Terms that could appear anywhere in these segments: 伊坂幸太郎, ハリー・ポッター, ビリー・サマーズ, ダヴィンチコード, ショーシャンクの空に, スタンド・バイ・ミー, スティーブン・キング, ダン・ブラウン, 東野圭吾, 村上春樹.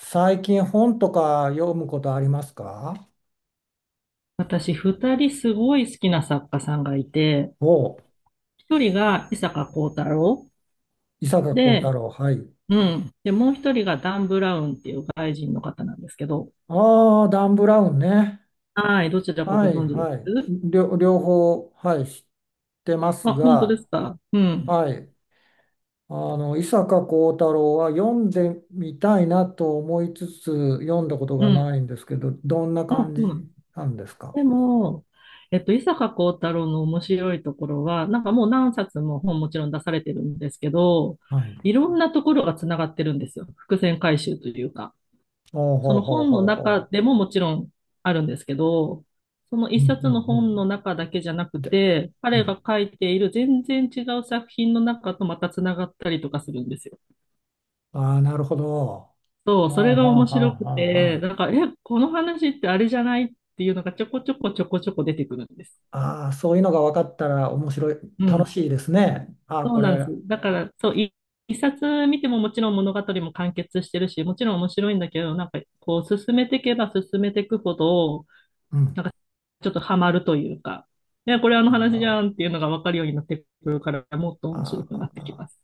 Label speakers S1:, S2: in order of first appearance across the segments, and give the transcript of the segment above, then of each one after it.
S1: 最近本とか読むことありますか？
S2: 私、二人すごい好きな作家さんがいて、
S1: おう、
S2: 一人が伊坂幸太郎
S1: 伊坂幸太
S2: で、
S1: 郎、はい。
S2: うん。で、もう一人がダン・ブラウンっていう外人の方なんですけど、
S1: ああ、ダン・ブラウンね。
S2: はい、どちらかご
S1: はい、
S2: 存知で
S1: はい。
S2: す
S1: 両方、はい、知ってます
S2: あ、本当で
S1: が、
S2: すか？うん。
S1: はい。伊坂幸太郎は読んでみたいなと思いつつ、読んだこと
S2: う
S1: が
S2: ん。
S1: ないんですけど、どんな
S2: あ、
S1: 感
S2: そうなんで
S1: じ
S2: す。
S1: なんですか？
S2: でも、伊坂幸太郎の面白いところは、なんかもう何冊も本もちろん出されてるんですけど、
S1: はい。
S2: いろんなところがつながってるんですよ。伏線回収というか。
S1: ほう
S2: そ
S1: ほう
S2: の
S1: ほう
S2: 本の
S1: ほう
S2: 中
S1: ほ
S2: でももちろんあるんですけど、その
S1: う。
S2: 一
S1: うん
S2: 冊の
S1: うんう
S2: 本
S1: ん。
S2: の中だけじゃなく
S1: で、
S2: て、
S1: う
S2: 彼が
S1: ん。
S2: 書いている全然違う作品の中とまたつながったりとかするんですよ。
S1: ああ、なるほど。
S2: そう、
S1: はあ
S2: それが
S1: はあ
S2: 面
S1: はあ
S2: 白く
S1: はあ
S2: て、
S1: は、
S2: なんか、え、この話ってあれじゃないっていうのがちょこちょこちょこちょこ出てくるんです。
S1: ああ、そういうのが分かったら面白い、
S2: う
S1: 楽
S2: ん。
S1: しいですね。ああ、
S2: そ
S1: こ
S2: うなんで
S1: れ、
S2: す。だから、そう、一冊見てももちろん物語も完結してるし、もちろん面白いんだけど、なんかこう進めていけば進めていくほど、
S1: うん。
S2: なんかちょっとハマるというか、いや、これあの
S1: な
S2: 話じゃ
S1: る
S2: んっていうのが分かるようになってくるから、もっと面白
S1: あ
S2: くなってき
S1: あ、
S2: ます。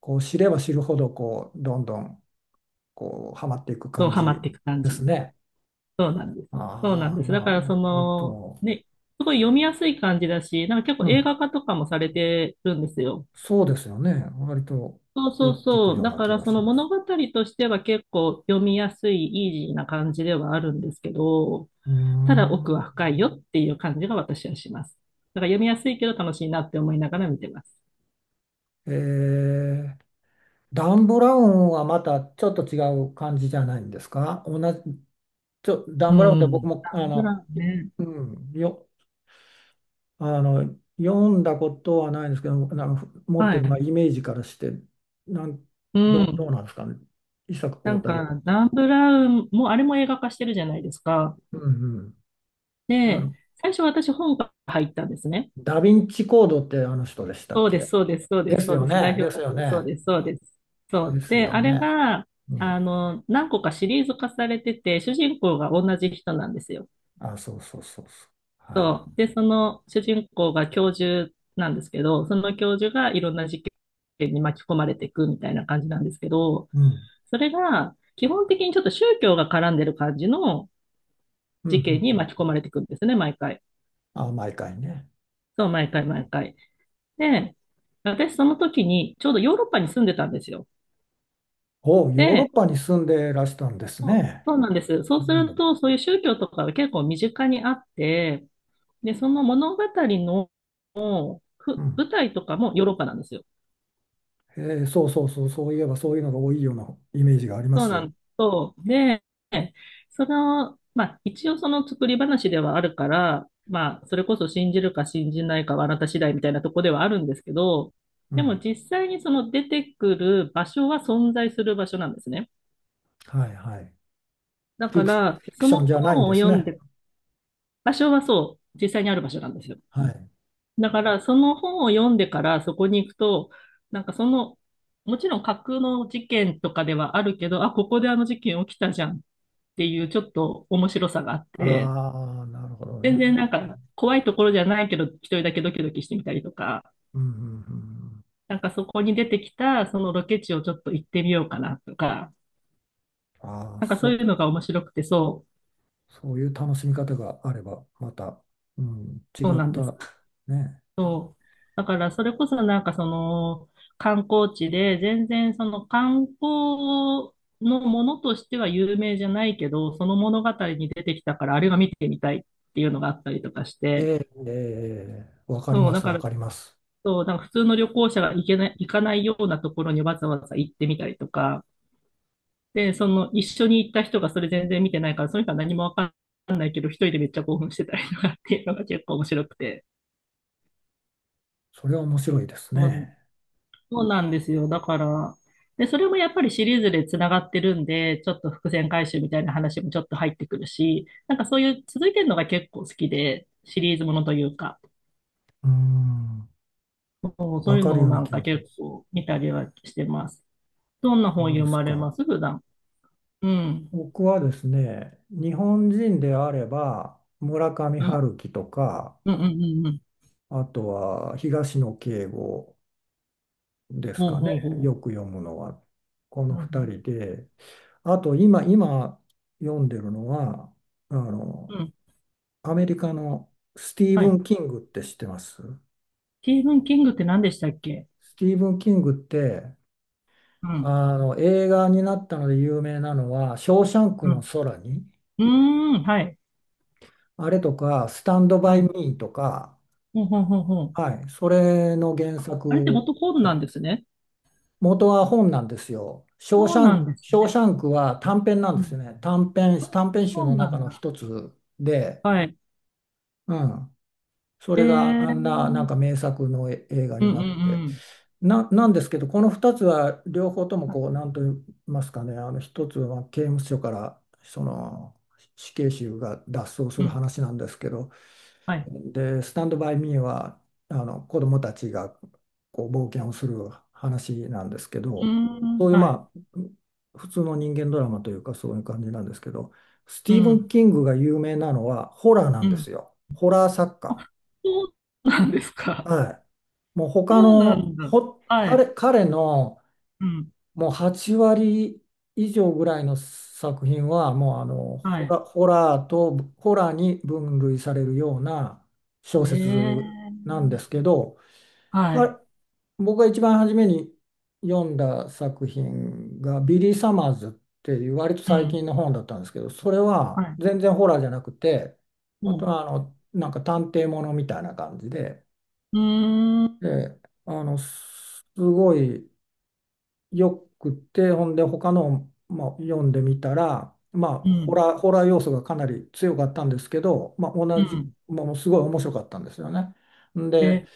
S1: こう知れば知るほど、こう、どんどん、こう、はまっていく
S2: そう、
S1: 感
S2: ハマ
S1: じ
S2: っていく感
S1: で
S2: じ。
S1: すね。
S2: そうなんです。そうなん
S1: ああ、
S2: です。だ
S1: な
S2: か
S1: る
S2: らそ
S1: ほ
S2: の、
S1: ど。
S2: ね、すごい読みやすい感じだし、なんか結
S1: う
S2: 構映
S1: ん。
S2: 画化とかもされてるんですよ。
S1: そうですよね。割と
S2: そうそ
S1: よく
S2: う
S1: 聞く
S2: そう。
S1: よう
S2: だ
S1: な
S2: か
S1: 気
S2: ら
S1: が
S2: そ
S1: し
S2: の
S1: ま
S2: 物
S1: す。
S2: 語としては結構読みやすい、イージーな感じではあるんですけど、
S1: うー
S2: ただ奥は
S1: ん。
S2: 深いよっていう感じが私はします。だから読みやすいけど楽しいなって思いながら見てます。
S1: えー、ダン・ブラウンはまたちょっと違う感じじゃないんですか？同じ、ダ
S2: う
S1: ン・ブラウンって僕
S2: ん。
S1: も、
S2: ダ
S1: あ
S2: ン・ブラ
S1: の、
S2: ウンね。
S1: うん、よ、あの、読んだことはないんですけど、なんか持っ
S2: は
S1: てる、ま
S2: い。
S1: あ、イメージからして、なん、
S2: う
S1: ど、
S2: ん。
S1: どうなんですかね。伊坂
S2: な
S1: 幸
S2: ん
S1: 太郎。
S2: か、ダン・ブラウンも、あれも映画化してるじゃないですか。
S1: うんうん。あ
S2: で、
S1: の、
S2: 最初私本から入ったんですね。
S1: ダヴィンチコードってあの人でしたっ
S2: そうです、
S1: け？
S2: そうです、そうで
S1: で
S2: す、
S1: す
S2: そう
S1: よ
S2: です。代
S1: ね。で
S2: 表
S1: すよ
S2: 作がそう
S1: ね。
S2: です、そうです。そう。
S1: です
S2: で、
S1: よ
S2: あれ
S1: ね。
S2: が、
S1: うん。
S2: あの、何個かシリーズ化されてて、主人公が同じ人なんですよ。
S1: あ、そうそうそうそう。はい。
S2: そう。で、その主人公が教授なんですけど、その教授がいろんな事件に巻き込まれていくみたいな感じなんですけど、
S1: うん。
S2: それが、基本的にちょっと宗教が絡んでる感じの
S1: うんうんう
S2: 事件
S1: ん。
S2: に巻き込まれていくんですね、毎回。
S1: あ、毎回ね。
S2: そう、毎回毎回。で、私その時にちょうどヨーロッパに住んでたんですよ。
S1: お、ヨーロッ
S2: で、
S1: パに住んでらしたんです
S2: そう
S1: ね。
S2: そうなんです。そ
S1: う
S2: うする
S1: ん。
S2: と、そういう宗教とかが結構身近にあって、で、その物語の
S1: う
S2: ふ
S1: ん。
S2: 舞台とかもヨーロッパなんですよ。
S1: そうそうそう、そういえばそういうのが多いようなイメージがありま
S2: そう
S1: す。
S2: なん
S1: う
S2: です。そう。で、その、まあ、一応その作り話ではあるから、まあ、それこそ信じるか信じないかはあなた次第みたいなとこではあるんですけど、
S1: ん。
S2: でも実際にその出てくる場所は存在する場所なんですね。
S1: はいはい。
S2: だから、
S1: フィク
S2: そ
S1: ショ
S2: の
S1: ンじゃないん
S2: 本を
S1: です
S2: 読ん
S1: ね。
S2: で、場所はそう、実際にある場所なんですよ。
S1: はい。
S2: だから、その本を読んでからそこに行くと、なんかその、もちろん架空の事件とかではあるけど、あ、ここであの事件起きたじゃん、っていうちょっと面白さがあって、
S1: ああ、なるほどね。
S2: 全然なんか怖いところじゃないけど、一人だけドキドキしてみたりとか、
S1: うんうんうん。
S2: なんかそこに出てきたそのロケ地をちょっと行ってみようかなとか、
S1: ああ、
S2: なんかそ
S1: そ
S2: うい
S1: う、
S2: うのが面白くて、そ
S1: そういう楽しみ方があれば、また、うん、違
S2: う、そう
S1: っ
S2: なんです。
S1: た、ね。
S2: そう。だからそれこそなんかその観光地で全然その観光のものとしては有名じゃないけど、その物語に出てきたからあれが見てみたいっていうのがあったりとかし
S1: え
S2: て、
S1: え、ええわかり
S2: そう、
S1: ま
S2: だ
S1: す、
S2: か
S1: わ
S2: ら
S1: かります。
S2: そう、なんか普通の旅行者が行けない、行かないようなところにわざわざ行ってみたりとか、で、その一緒に行った人がそれ全然見てないから、その人は何もわかんないけど、一人でめっちゃ興奮してたりとかっていうのが結構面白くて。
S1: それは面白いです
S2: そう
S1: ね。
S2: そうなんですよ。だから、で、それもやっぱりシリーズでつながってるんで、ちょっと伏線回収みたいな話もちょっと入ってくるし、なんかそういう続いてるのが結構好きで、シリーズものというか、
S1: うん、
S2: そうそ
S1: わ
S2: ういう
S1: かる
S2: の
S1: よ
S2: を
S1: うな
S2: なん
S1: 気が
S2: か
S1: しま
S2: 結
S1: す。
S2: 構見たりはしてます。どんな
S1: そ
S2: 本
S1: う
S2: 読
S1: です
S2: まれ
S1: か。
S2: ます普段。うん。
S1: 僕はですね、日本人であれば、村上
S2: うん。
S1: 春樹とか、
S2: うんうんうんうん。
S1: あとは東野圭吾、です
S2: ほう
S1: かね、
S2: ほうほ
S1: よく読むのは、こ
S2: う。
S1: の
S2: なるほど。
S1: 2人で、あと今読んでるのは、あ
S2: う
S1: の、
S2: ん。
S1: アメリカのスティー
S2: は
S1: ブ
S2: い。
S1: ン・キングって知ってます？
S2: スティーブン・キングって何でしたっけ？
S1: スティーブン・キングって、
S2: うん。
S1: 映画になったので有名なのは、ショーシャンク
S2: う
S1: の
S2: ん。
S1: 空に、
S2: うーん。はい。
S1: あれとか、スタンド・バ
S2: は
S1: イ・ミ
S2: い。
S1: ーとか、
S2: ほうほうほうほう。
S1: はい、それの原
S2: あれって
S1: 作
S2: 元コードなんですね。
S1: 元は本なんですよ。ショー
S2: そ
S1: シ
S2: う
S1: ャ
S2: な
S1: ン
S2: ん
S1: ク、
S2: です
S1: ショー
S2: ね。
S1: シャンクは短編なん
S2: う
S1: ですよ
S2: ん。
S1: ね。短編集
S2: そう
S1: の
S2: な
S1: 中
S2: ん
S1: の
S2: だ。
S1: 一つで、
S2: はい。
S1: うん。そ
S2: え
S1: れが
S2: ー。
S1: あ
S2: う
S1: んな、なん
S2: ん
S1: か名作の映画
S2: う
S1: に
S2: ん
S1: なって。
S2: うん。
S1: なんですけど、この二つは両方とも
S2: は
S1: こう、
S2: い。
S1: なんと言いますかね、あの一つは刑務所から、死刑囚が脱走す
S2: う
S1: る
S2: ん。
S1: 話なんですけど、
S2: はい。
S1: で、スタンドバイミーはあの子どもたちがこう冒険をする話なんですけ
S2: うー
S1: ど、
S2: ん。
S1: そういう
S2: はい。
S1: まあ普通の人間ドラマというかそういう感じなんですけど、ステ
S2: う
S1: ィーブン・
S2: ん。
S1: キングが有名なのはホラーな
S2: う
S1: んで
S2: ん。
S1: すよ。ホラー作家。
S2: あ、そうなんですか。
S1: はい。もう他
S2: そうな
S1: の
S2: んだ。
S1: ほ
S2: は
S1: 彼、
S2: い。
S1: 彼の
S2: うん。
S1: もう8割以上ぐらいの作品はもう
S2: はい。
S1: ホラーとホラーに分類されるような小
S2: えー。
S1: 説なんですけど、
S2: はい。
S1: か僕が一番初めに読んだ作品がビリー・サマーズっていう割と
S2: う
S1: 最
S2: ん。
S1: 近の本だったんですけど、それ
S2: は
S1: は
S2: い。
S1: 全然ホラーじゃなくて、
S2: う
S1: 本当
S2: ん
S1: はなんか探偵ものみたいな感じで、
S2: うーん、
S1: で、すごいよくて、ほんで他の、まあ、読んでみたら、まあ、
S2: う
S1: ホ
S2: ん、
S1: ラー、ホラー要素がかなり強かったんですけど、まあ、
S2: う
S1: 同じ、
S2: ん。
S1: ものすごい面白かったんですよね。んで、
S2: え、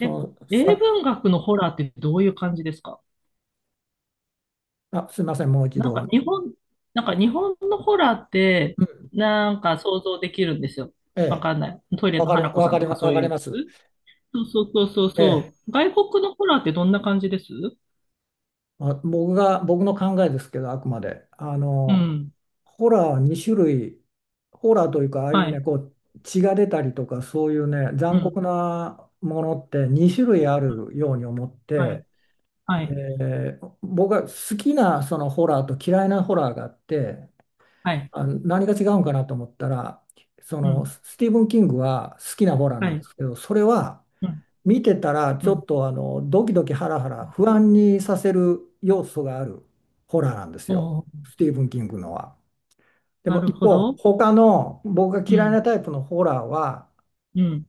S2: え、
S1: の、
S2: 英
S1: さ、
S2: 文学のホラーってどういう感じですか？
S1: あ、すいません、もう一
S2: なん
S1: 度。う
S2: か
S1: ん、
S2: 日本、なんか日本のホラーって、なんか想像できるんですよ。
S1: え
S2: わ
S1: え、
S2: かんない。トイレ
S1: わ
S2: の
S1: かり、
S2: 花子
S1: わ
S2: さん
S1: か
S2: と
S1: りま、
S2: かそ
S1: わ
S2: うい
S1: か
S2: う
S1: り
S2: や
S1: ま
S2: つ。
S1: す。
S2: そうそうそうそう
S1: え
S2: そ
S1: え、
S2: う。外国のホラーってどんな感じです
S1: まあ、僕の考えですけど、あくまで。
S2: うん。
S1: ホラーは2種類、ホラーというか、ああいう
S2: は
S1: ね、
S2: い。
S1: こう、血が出たりとか、そういうね、
S2: う
S1: 残
S2: ん。
S1: 酷なものって2種類あるように思っ
S2: はい。
S1: て、
S2: はい。
S1: で、僕が好きなそのホラーと嫌いなホラーがあって、
S2: はい。
S1: あ、何が違うんかなと思ったら、
S2: うん。
S1: スティーブン・キングは好きなホラーな
S2: は
S1: んで
S2: い。
S1: すけど、それは、
S2: うん。
S1: 見てたらち
S2: う
S1: ょっ
S2: ん。
S1: とドキドキハラハラ不安にさせる要素があるホラーなんです
S2: お
S1: よ、
S2: お、
S1: スティーブン・キングのは。で
S2: な
S1: も
S2: る
S1: 一
S2: ほ
S1: 方
S2: ど。
S1: 他の僕が
S2: う
S1: 嫌い
S2: ん。
S1: なタイプのホラーは、
S2: うん。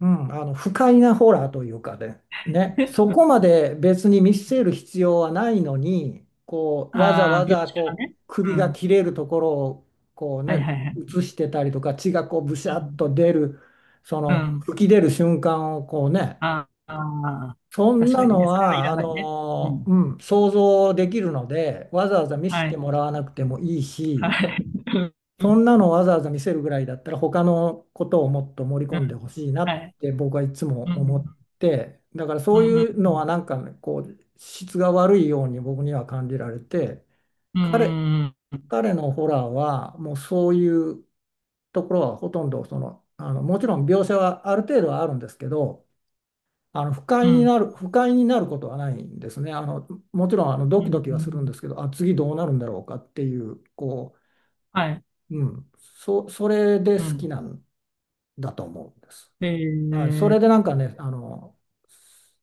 S1: 不快なホラーというかで、ね、そこま で別に見せる必要はないのにこうわざ
S2: あ
S1: わ
S2: あ、描
S1: ざ
S2: 写が
S1: こう
S2: ね。
S1: 首
S2: う
S1: が
S2: ん。
S1: 切れるところをこう、
S2: はい
S1: ね、
S2: はいはい。
S1: 映してたりとか血がこうブシ
S2: う
S1: ャッ
S2: ん。
S1: と出るそ
S2: う
S1: の
S2: ん
S1: 吹き出る瞬間をこうね、
S2: ああ、
S1: そん
S2: 確か
S1: な
S2: に
S1: の
S2: ね。それはい
S1: は、
S2: らないね。うん。
S1: 想像できるので、わざわざ見せ
S2: は
S1: て
S2: い。
S1: もらわなくてもいい
S2: は
S1: し、
S2: い。う
S1: そ
S2: ん。
S1: んなのわざわざ見せるぐらいだったら、他のことをもっと盛り
S2: う
S1: 込んで
S2: ん。
S1: ほしいな
S2: は
S1: っ
S2: い。
S1: て僕はいつ
S2: う
S1: も思っ
S2: ん。
S1: て、だから
S2: う
S1: そうい
S2: ん。う
S1: うのは
S2: ん。
S1: なんかね、こう、質が悪いように僕には感じられて、
S2: う
S1: 彼、
S2: ん。うん。
S1: 彼のホラーは、もうそういうところはほとんど、もちろん描写はある程度はあるんですけど、
S2: うん。
S1: 不快になることはないんですね。もちろん
S2: う
S1: ド
S2: ん。う
S1: キドキはするんです
S2: ん
S1: けど、あ、次どうなるんだろうかっていう、こ
S2: はい。
S1: う、それで
S2: う
S1: 好き
S2: ん。
S1: なんだと思うんです。
S2: え
S1: はい、そ
S2: ー、
S1: れでなんかね、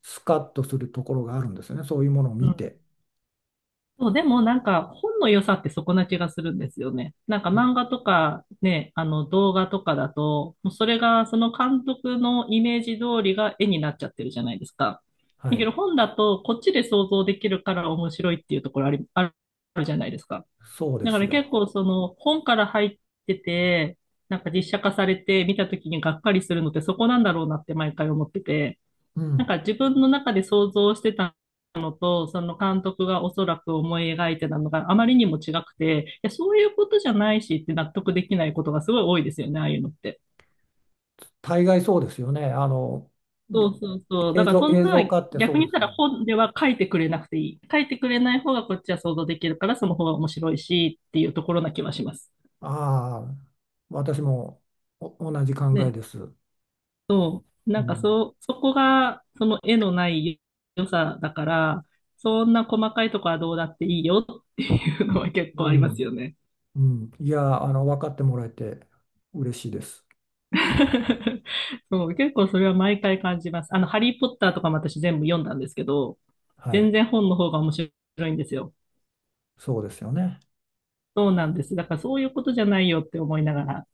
S1: スカッとするところがあるんですよね。そういうものを
S2: う
S1: 見
S2: ん。
S1: て。
S2: そう、でもなんか本の良さってそこな気がするんですよね。なんか
S1: で、
S2: 漫画とかね、あの動画とかだと、もうそれがその監督のイメージ通りが絵になっちゃってるじゃないですか。
S1: は
S2: だけ
S1: い、
S2: ど本だとこっちで想像できるから面白いっていうところあり、あるじゃないですか。
S1: そうで
S2: だか
S1: す
S2: ら結
S1: よ。
S2: 構その本から入ってて、なんか実写化されて見た時にがっかりするのってそこなんだろうなって毎回思ってて。
S1: う
S2: なん
S1: ん、
S2: か自分の中で想像してたのと、その監督がおそらく思い描いてたのがあまりにも違くて、いや、そういうことじゃないしって納得できないことがすごい多いですよね、ああいうのって。
S1: 大概そうですよね。
S2: そうそうそう。だ
S1: 映
S2: から
S1: 像、
S2: そん
S1: 映
S2: な、
S1: 像化ってそ
S2: 逆
S1: うで
S2: に言っ
S1: す
S2: た
S1: よ
S2: ら
S1: ね。
S2: 本では書いてくれなくていい。書いてくれない方がこっちは想像できるから、その方が面白いしっていうところな気はします。
S1: ああ、私も同じ考え
S2: ね、
S1: です。
S2: そう。
S1: う
S2: なんか
S1: ん。
S2: そう、そこがその絵のない良さだから、そんな細かいとこはどうだっていいよっていうのは結
S1: う
S2: 構あります
S1: ん
S2: よね。
S1: うん、いや、分かってもらえて嬉しいです。
S2: そう、結構それは毎回感じます。あの、ハリー・ポッターとかも私全部読んだんですけど、
S1: は
S2: 全
S1: い、
S2: 然本の方が面白いんですよ。
S1: そうですよね。
S2: そうなんです。だからそういうことじゃないよって思いながら